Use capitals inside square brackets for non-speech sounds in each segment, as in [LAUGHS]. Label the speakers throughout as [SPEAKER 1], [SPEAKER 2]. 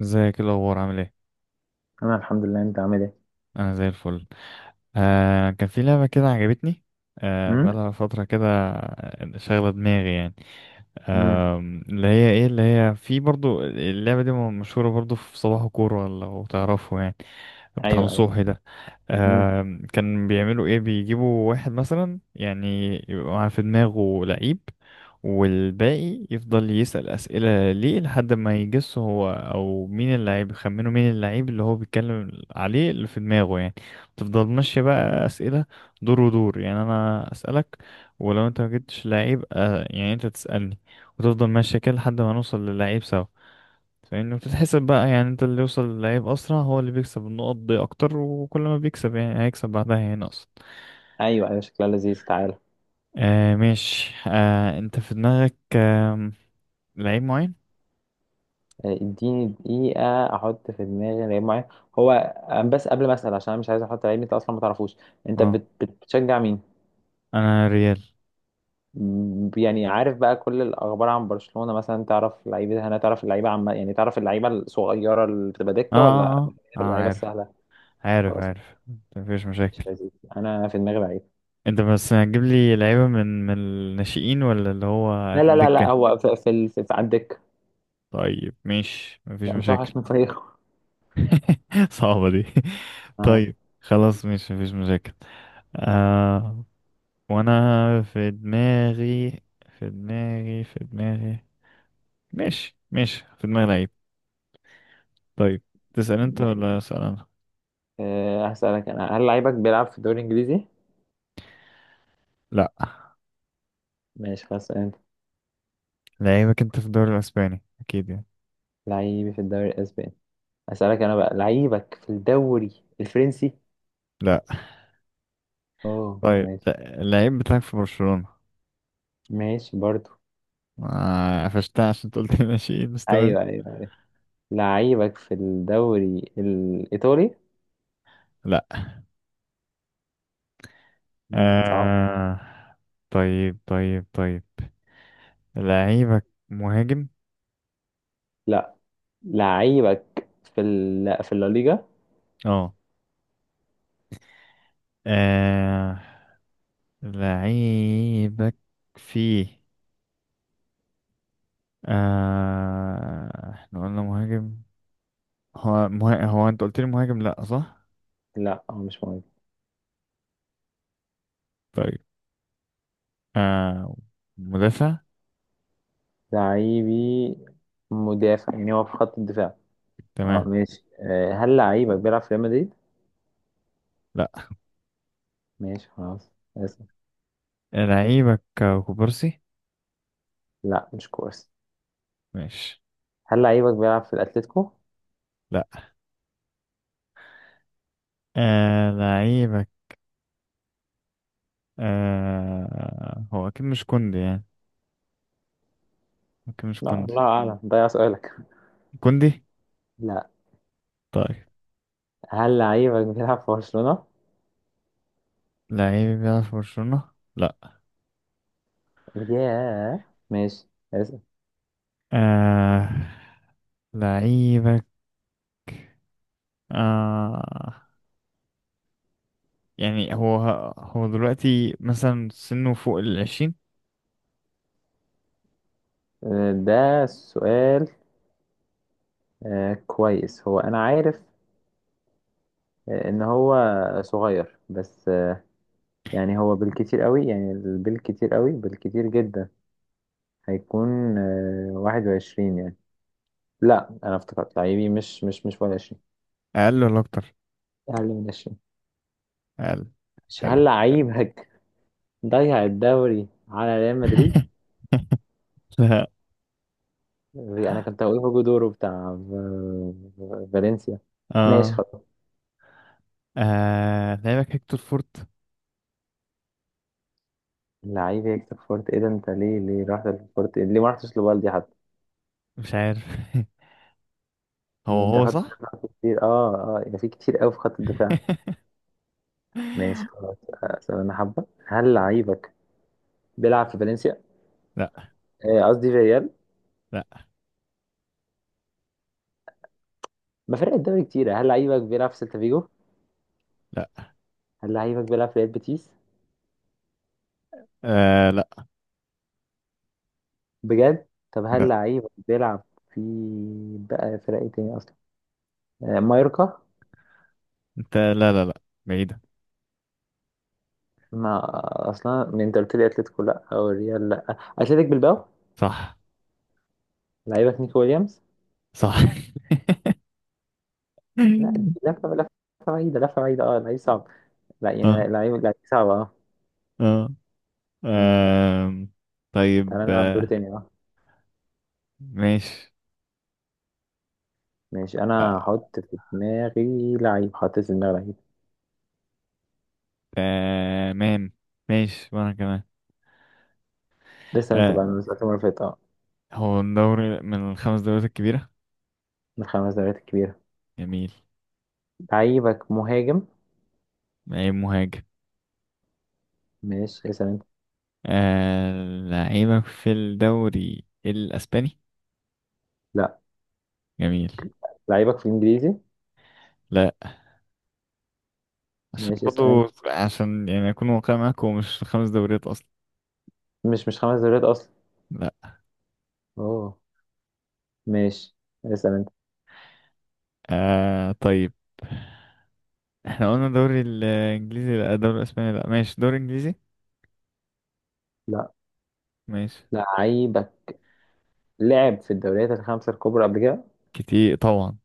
[SPEAKER 1] ازيك؟ ايه الاخبار؟ عامل ايه؟
[SPEAKER 2] انا الحمد لله. انت عامل ايه؟
[SPEAKER 1] انا زي الفل. آه كان في لعبه كده عجبتني. آه
[SPEAKER 2] امم
[SPEAKER 1] بقالها فتره كده، شاغله دماغي يعني.
[SPEAKER 2] امم
[SPEAKER 1] آه اللي هي في برضو اللعبه دي مشهوره برضو في صباح كوره لو تعرفه يعني. بتاع
[SPEAKER 2] ايوه ايوه.
[SPEAKER 1] نصوحي ده.
[SPEAKER 2] امم
[SPEAKER 1] آه كان بيعملوا ايه، بيجيبوا واحد مثلا يعني يبقى في دماغه لعيب، والباقي يفضل يسأل أسئلة ليه لحد ما يجس هو أو مين اللعيب، يخمنه مين اللعيب اللي هو بيتكلم عليه اللي في دماغه يعني. تفضل ماشية بقى أسئلة، دور ودور، يعني أنا أسألك، ولو أنت ما جبتش لعيب يعني أنت تسألني، وتفضل ماشية كده لحد ما نوصل للعيب سوا. فإنه بتتحسب بقى، يعني أنت اللي يوصل للعيب أسرع هو اللي بيكسب النقط دي أكتر، وكل ما بيكسب يعني هيكسب بعدها يعني أقصد.
[SPEAKER 2] ايوه ايوه، شكلها لذيذ. تعالى.
[SPEAKER 1] آه ماشي. آه أنت في دماغك آه لعيب معين؟
[SPEAKER 2] آه، اديني دقيقه احط في دماغي لعيب معين. هو آه، بس قبل ما اسال، عشان انا مش عايز احط لعيب انت اصلا ما تعرفوش. انت
[SPEAKER 1] اه،
[SPEAKER 2] بتشجع مين؟
[SPEAKER 1] انا ريال.
[SPEAKER 2] يعني عارف بقى كل الاخبار عن برشلونه مثلا؟ تعرف لعيبه هنا؟ تعرف اللعيبه؟ عم يعني تعرف اللعيبه الصغيره اللي بتبقى
[SPEAKER 1] اه
[SPEAKER 2] دكه ولا
[SPEAKER 1] اه اه آه،
[SPEAKER 2] اللعيبه
[SPEAKER 1] عارف.
[SPEAKER 2] السهله؟
[SPEAKER 1] عارف
[SPEAKER 2] خلاص.
[SPEAKER 1] عارف. مفيش
[SPEAKER 2] مش
[SPEAKER 1] مشاكل.
[SPEAKER 2] لذيذ. انا في دماغي لعيب.
[SPEAKER 1] انت بس هتجيب لي لعيبة من الناشئين ولا اللي هو
[SPEAKER 2] لا
[SPEAKER 1] في
[SPEAKER 2] لا لا لا،
[SPEAKER 1] الدكة؟
[SPEAKER 2] هو في في على الدكه.
[SPEAKER 1] طيب ماشي، مفيش
[SPEAKER 2] يعني مش
[SPEAKER 1] مشاكل.
[SPEAKER 2] هوحش من فريقه.
[SPEAKER 1] [LAUGHS] صعبة دي. [LAUGHS]
[SPEAKER 2] آه.
[SPEAKER 1] طيب. خلاص ماشي، مفيش مشاكل. آه. وانا في دماغي في دماغي. ماشي ماشي، في دماغي لعيب. طيب، تسأل انت ولا اسأل انا؟
[SPEAKER 2] أه، هسألك أنا: هل لعيبك بيلعب في الدوري الإنجليزي؟
[SPEAKER 1] لا.
[SPEAKER 2] ماشي خلاص. أنت،
[SPEAKER 1] لعيبك انت في الدوري الاسباني اكيد يعني.
[SPEAKER 2] لعيبي في الدوري الأسباني. هسألك أنا بقى: لعيبك في الدوري الفرنسي؟
[SPEAKER 1] لا.
[SPEAKER 2] أوه،
[SPEAKER 1] طيب
[SPEAKER 2] ماشي
[SPEAKER 1] اللعيب بتاعك في برشلونة.
[SPEAKER 2] ماشي برضو.
[SPEAKER 1] آه، قفشتها عشان قلت ماشي [LAUGHS] بس تمام.
[SPEAKER 2] أيوه أيوه. لعيبك في الدوري الإيطالي؟
[SPEAKER 1] لا.
[SPEAKER 2] أنت بتصعب.
[SPEAKER 1] آه... طيب طيب طيب. لعيبك مهاجم.
[SPEAKER 2] لا. لعيبك في لا، في الليجا؟
[SPEAKER 1] اه. آه... لعيبك فيه. احنا قلنا مهاجم. هو انت قلت لي مهاجم لا، صح.
[SPEAKER 2] لا هو مش مهم.
[SPEAKER 1] طيب. آه... مدافع.
[SPEAKER 2] لعيبي مدافع، يعني هو في خط الدفاع. اه
[SPEAKER 1] تمام.
[SPEAKER 2] ماشي. أه هل لعيبك بيلعب في ريال مدريد؟
[SPEAKER 1] لا.
[SPEAKER 2] ماشي خلاص، اسف.
[SPEAKER 1] لعيبك كوبارسي.
[SPEAKER 2] لا مش كويس.
[SPEAKER 1] ماشي.
[SPEAKER 2] هل لعيبك بيلعب في الأتليتيكو؟
[SPEAKER 1] لا. لعيبك. آه هو أكيد مش كوندي يعني، أكيد مش
[SPEAKER 2] لا
[SPEAKER 1] كوندي.
[SPEAKER 2] الله أعلم، ده سؤالك.
[SPEAKER 1] كوندي.
[SPEAKER 2] لا.
[SPEAKER 1] طيب.
[SPEAKER 2] هل لعيبك بيلعب في برشلونة؟
[SPEAKER 1] لعيب بيلعب في برشلونة. لا.
[SPEAKER 2] ياه. ماشي. اسأل.
[SPEAKER 1] آه لعيبك آه يعني هو، هو دلوقتي مثلا سنه فوق العشرين.
[SPEAKER 2] آه، ده سؤال. آه، كويس هو أنا عارف آه، إن هو صغير بس آه، يعني هو بالكتير قوي، يعني بالكتير قوي، بالكتير جدا هيكون آه، واحد وعشرين يعني. لا أنا افتكرت لعيبي مش واحد وعشرين.
[SPEAKER 1] أقل ولا أكتر؟
[SPEAKER 2] أقل من عشرين.
[SPEAKER 1] أقل.
[SPEAKER 2] ماشي. هل
[SPEAKER 1] حلو.
[SPEAKER 2] لعيبك ضيع الدوري على ريال مدريد؟
[SPEAKER 1] [LAUGHS] لا.
[SPEAKER 2] دي انا كنت هقول هوجو دورو بتاع فالنسيا. ماشي
[SPEAKER 1] آه
[SPEAKER 2] خلاص.
[SPEAKER 1] آه لعيبك هيكتور فورت.
[SPEAKER 2] اللعيب يكسب فورت ايه ده؟ انت ليه رحت لفورت؟ ليه ما رحتش لبالدي حتى؟
[SPEAKER 1] مش عارف. [LAUGHS] هو
[SPEAKER 2] يعني انت
[SPEAKER 1] هو
[SPEAKER 2] خدت
[SPEAKER 1] صح.
[SPEAKER 2] خدت كتير اه اه، يعني في كتير قوي في خط الدفاع. ماشي خلاص.
[SPEAKER 1] [LAUGHS]
[SPEAKER 2] اسال انا حبه. هل لعيبك بيلعب في فالنسيا؟
[SPEAKER 1] لا
[SPEAKER 2] آه، قصدي في ريال.
[SPEAKER 1] لا
[SPEAKER 2] ما فرق الدوري كتير. هل لعيبك بيلعب في سيلتا فيجو؟
[SPEAKER 1] لا.
[SPEAKER 2] هل لعيبك بيلعب في ريال بيتيس؟
[SPEAKER 1] آه لا.
[SPEAKER 2] بجد؟ طب هل لعيبك بيلعب في، بقى فرق ايه تاني اصلا، آه، مايوركا؟
[SPEAKER 1] لا لا لا بعيدة.
[SPEAKER 2] ما اصلا من انت قلت لي اتلتيكو لا او الريال لا، اتلتيك بالباو.
[SPEAKER 1] صح.
[SPEAKER 2] لعيبك نيكو ويليامز.
[SPEAKER 1] صح.
[SPEAKER 2] لا دي
[SPEAKER 1] [LAUGHS]
[SPEAKER 2] لفه لفه بعيده، لفه بعيده. اه لعيب صعب. لا يعني
[SPEAKER 1] اه.
[SPEAKER 2] لعيب صعب اه.
[SPEAKER 1] اه.
[SPEAKER 2] لا.
[SPEAKER 1] آم،
[SPEAKER 2] تعالى
[SPEAKER 1] طيب،
[SPEAKER 2] نلعب دور تاني اه.
[SPEAKER 1] ماشي،
[SPEAKER 2] ماشي، انا
[SPEAKER 1] آه،
[SPEAKER 2] هحط في دماغي لعيب. حطيت في دماغي لعيب.
[SPEAKER 1] تمام. ماشي وانا كمان.
[SPEAKER 2] لسه انت بقى من
[SPEAKER 1] آه،
[SPEAKER 2] الأسئلة المره اللي فاتت اه.
[SPEAKER 1] هو الدوري من الخمس دوريات الكبيرة.
[SPEAKER 2] من الخمس دوريات الكبيره.
[SPEAKER 1] جميل.
[SPEAKER 2] لعيبك مهاجم.
[SPEAKER 1] لعيب مهاجم.
[SPEAKER 2] ماشي، اسال انت.
[SPEAKER 1] آه، لعيبك في الدوري الاسباني.
[SPEAKER 2] لا.
[SPEAKER 1] جميل.
[SPEAKER 2] لعيبك في الانجليزي.
[SPEAKER 1] لا. عشان
[SPEAKER 2] ماشي،
[SPEAKER 1] برضو،
[SPEAKER 2] اسال انت.
[SPEAKER 1] عشان يعني اكون واقعي معاك هو مش خمس دوريات اصلا.
[SPEAKER 2] مش خمس دوريات اصلا.
[SPEAKER 1] لا.
[SPEAKER 2] اوه. ماشي. اسال انت.
[SPEAKER 1] آه طيب، احنا قلنا دوري الانجليزي لا، دوري الاسباني لا، ماشي دوري انجليزي.
[SPEAKER 2] لا.
[SPEAKER 1] ماشي.
[SPEAKER 2] لعيبك لعب في الدوريات الخمسة الكبرى قبل كده.
[SPEAKER 1] كتير طبعا.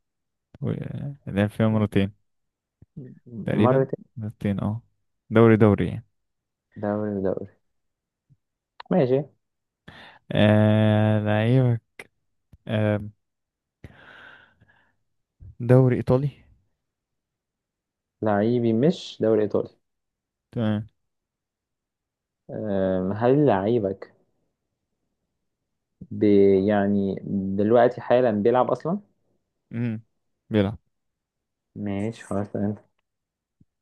[SPEAKER 1] و- لعب فيها مرتين تقريبا.
[SPEAKER 2] مرتين.
[SPEAKER 1] مرتين اه. دوري دوري يعني.
[SPEAKER 2] دوري دوري. ماشي.
[SPEAKER 1] آه لعيبك آه دوري ايطالي.
[SPEAKER 2] لعيبي مش دوري إيطالي.
[SPEAKER 1] تمام.
[SPEAKER 2] هل لعيبك ب... يعني دلوقتي حالا بيلعب أصلا؟
[SPEAKER 1] امم بيلعب.
[SPEAKER 2] ماشي خلاص، اسأل أنت.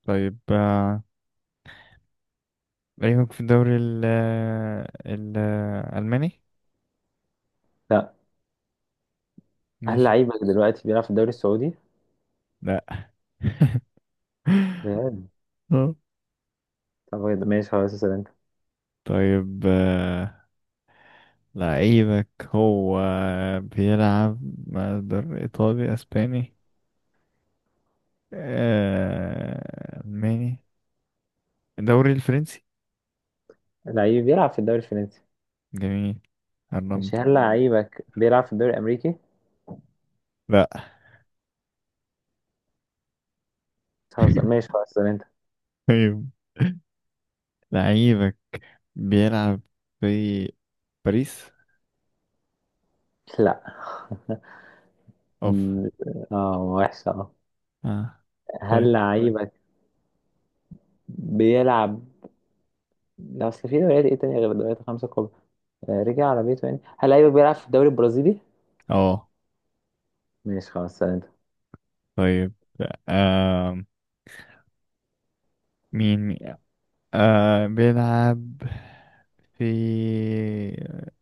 [SPEAKER 1] طيب آه لعيبك في الدوري الالماني.
[SPEAKER 2] لا. هل
[SPEAKER 1] ماشي.
[SPEAKER 2] لعيبك دلوقتي بيلعب في الدوري السعودي؟
[SPEAKER 1] لا. [LAUGHS]
[SPEAKER 2] بجد.
[SPEAKER 1] آه،
[SPEAKER 2] طب ماشي خلاص، اسأل أنت.
[SPEAKER 1] طيب، لعيبك هو بيلعب مقدار إيطالي أسباني، ألماني، الدوري الفرنسي.
[SPEAKER 2] لعيبي بيلعب في الدوري الفرنسي.
[SPEAKER 1] جميل.
[SPEAKER 2] مش،
[SPEAKER 1] الرمضة.
[SPEAKER 2] هل لعيبك بيلعب في الدوري الأمريكي؟
[SPEAKER 1] لا.
[SPEAKER 2] خلاص
[SPEAKER 1] [LAUGHS]
[SPEAKER 2] ماشي خلاص، اسأل أنت.
[SPEAKER 1] طيب، لعيبك بيلعب في باريس.
[SPEAKER 2] لا. [LAUGHS]
[SPEAKER 1] اوف.
[SPEAKER 2] م- اه وحشة اه.
[SPEAKER 1] اه. طيب.
[SPEAKER 2] هل لعيبك بيلعب، لا اصل في دوريات ايه تانية غير الدوريات الخمسة الكبرى، آه، رجع على بيته يعني، هل لعيبك بيلعب في الدوري البرازيلي؟
[SPEAKER 1] اه.
[SPEAKER 2] ماشي خلاص، سأل انت.
[SPEAKER 1] طيب. آه مين آه بيلعب في،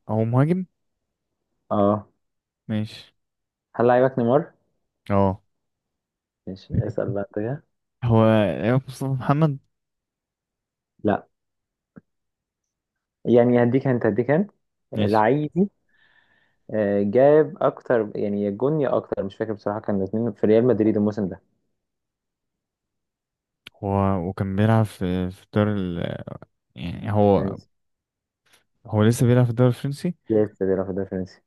[SPEAKER 1] هو مهاجم.
[SPEAKER 2] اه.
[SPEAKER 1] ماشي.
[SPEAKER 2] هل لعيبك نيمار؟
[SPEAKER 1] اه.
[SPEAKER 2] ماشي. اسأل بقى انت كده.
[SPEAKER 1] هو ايوب مصطفى محمد.
[SPEAKER 2] لا. يعني هديك انت، هديك انت.
[SPEAKER 1] ماشي.
[SPEAKER 2] لعيبي آه، جاب اكتر، يعني يا جون يا اكتر، مش فاكر بصراحة. كان الاثنين في ريال مدريد الموسم ده.
[SPEAKER 1] هو وكان بيلعب في الدوري ال... يعني هو،
[SPEAKER 2] فرنسي.
[SPEAKER 1] هو لسه بيلعب في الدوري الفرنسي.
[SPEAKER 2] لسه بيلعب في الدوري الفرنسي.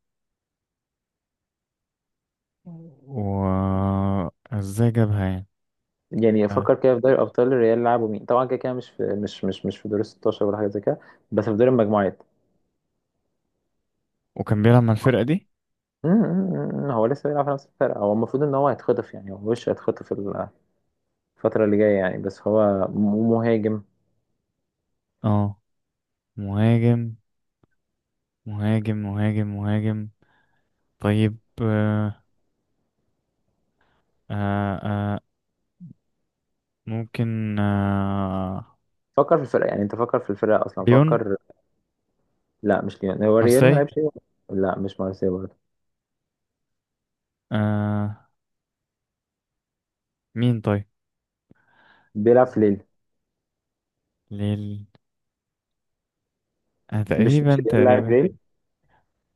[SPEAKER 1] و ازاي جابها يعني.
[SPEAKER 2] يعني
[SPEAKER 1] آه.
[SPEAKER 2] افكر كده في دوري ابطال، الريال لعبوا مين طبعا، كده كده مش في، مش في دور ال 16 ولا حاجه زي كده، بس في دور المجموعات.
[SPEAKER 1] وكان بيلعب مع الفرقة دي.
[SPEAKER 2] هو لسه بيلعب في نفس الفرقة. هو المفروض ان هو هيتخطف، يعني هو وش هيتخطف الفترة اللي جاية يعني. بس هو مهاجم.
[SPEAKER 1] اه مهاجم. مهاجم مهاجم مهاجم. طيب آه آه آه ممكن آه
[SPEAKER 2] فكر في الفرقة، يعني انت فكر في الفرقة اصلا،
[SPEAKER 1] ليون.
[SPEAKER 2] فكر. لا مش ليون، هو ريال
[SPEAKER 1] مارسي.
[SPEAKER 2] ما لعبش ليون. لا مش مارسيلو برضه.
[SPEAKER 1] آه مين طيب.
[SPEAKER 2] بيلعب في ليل.
[SPEAKER 1] ليل. آه
[SPEAKER 2] مش مش
[SPEAKER 1] تقريبا
[SPEAKER 2] ريال لاعب
[SPEAKER 1] تقريبا.
[SPEAKER 2] ريل.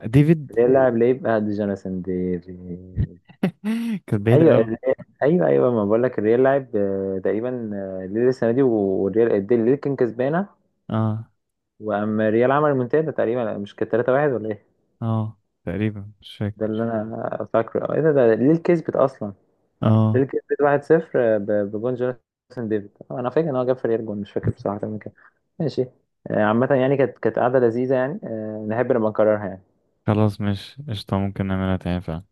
[SPEAKER 1] ديفيد.
[SPEAKER 2] ريال لاعب ليه بقى، دي جوناثان دي.
[SPEAKER 1] [LAUGHS] كانت بعيدة
[SPEAKER 2] ايوه
[SPEAKER 1] أوي.
[SPEAKER 2] الريال. ايوه ايوه، ما بقول لك الريال لاعب آه، تقريبا آه، ليل السنة دي، والريال الديل ليل كان كسبانة.
[SPEAKER 1] اه
[SPEAKER 2] واما الريال عمل منتدى تقريبا، مش كانت 3-1 ولا إيه؟
[SPEAKER 1] اه تقريبا مش فاكر.
[SPEAKER 2] ده اللي انا فاكره. ايه ده ليه كسبت اصلا؟ ليه
[SPEAKER 1] اه.
[SPEAKER 2] كسبت 1-0 بجون جوناثان ديفيد. آه، انا فاكر ان هو جاب فريق جون، مش فاكر بصراحه كان كام. ماشي. آه، عامه يعني كانت قعده لذيذه يعني، آه، نحب نبقى نكررها يعني.
[SPEAKER 1] خلاص، مش قشطة ممكن نعملها تاني فعلا.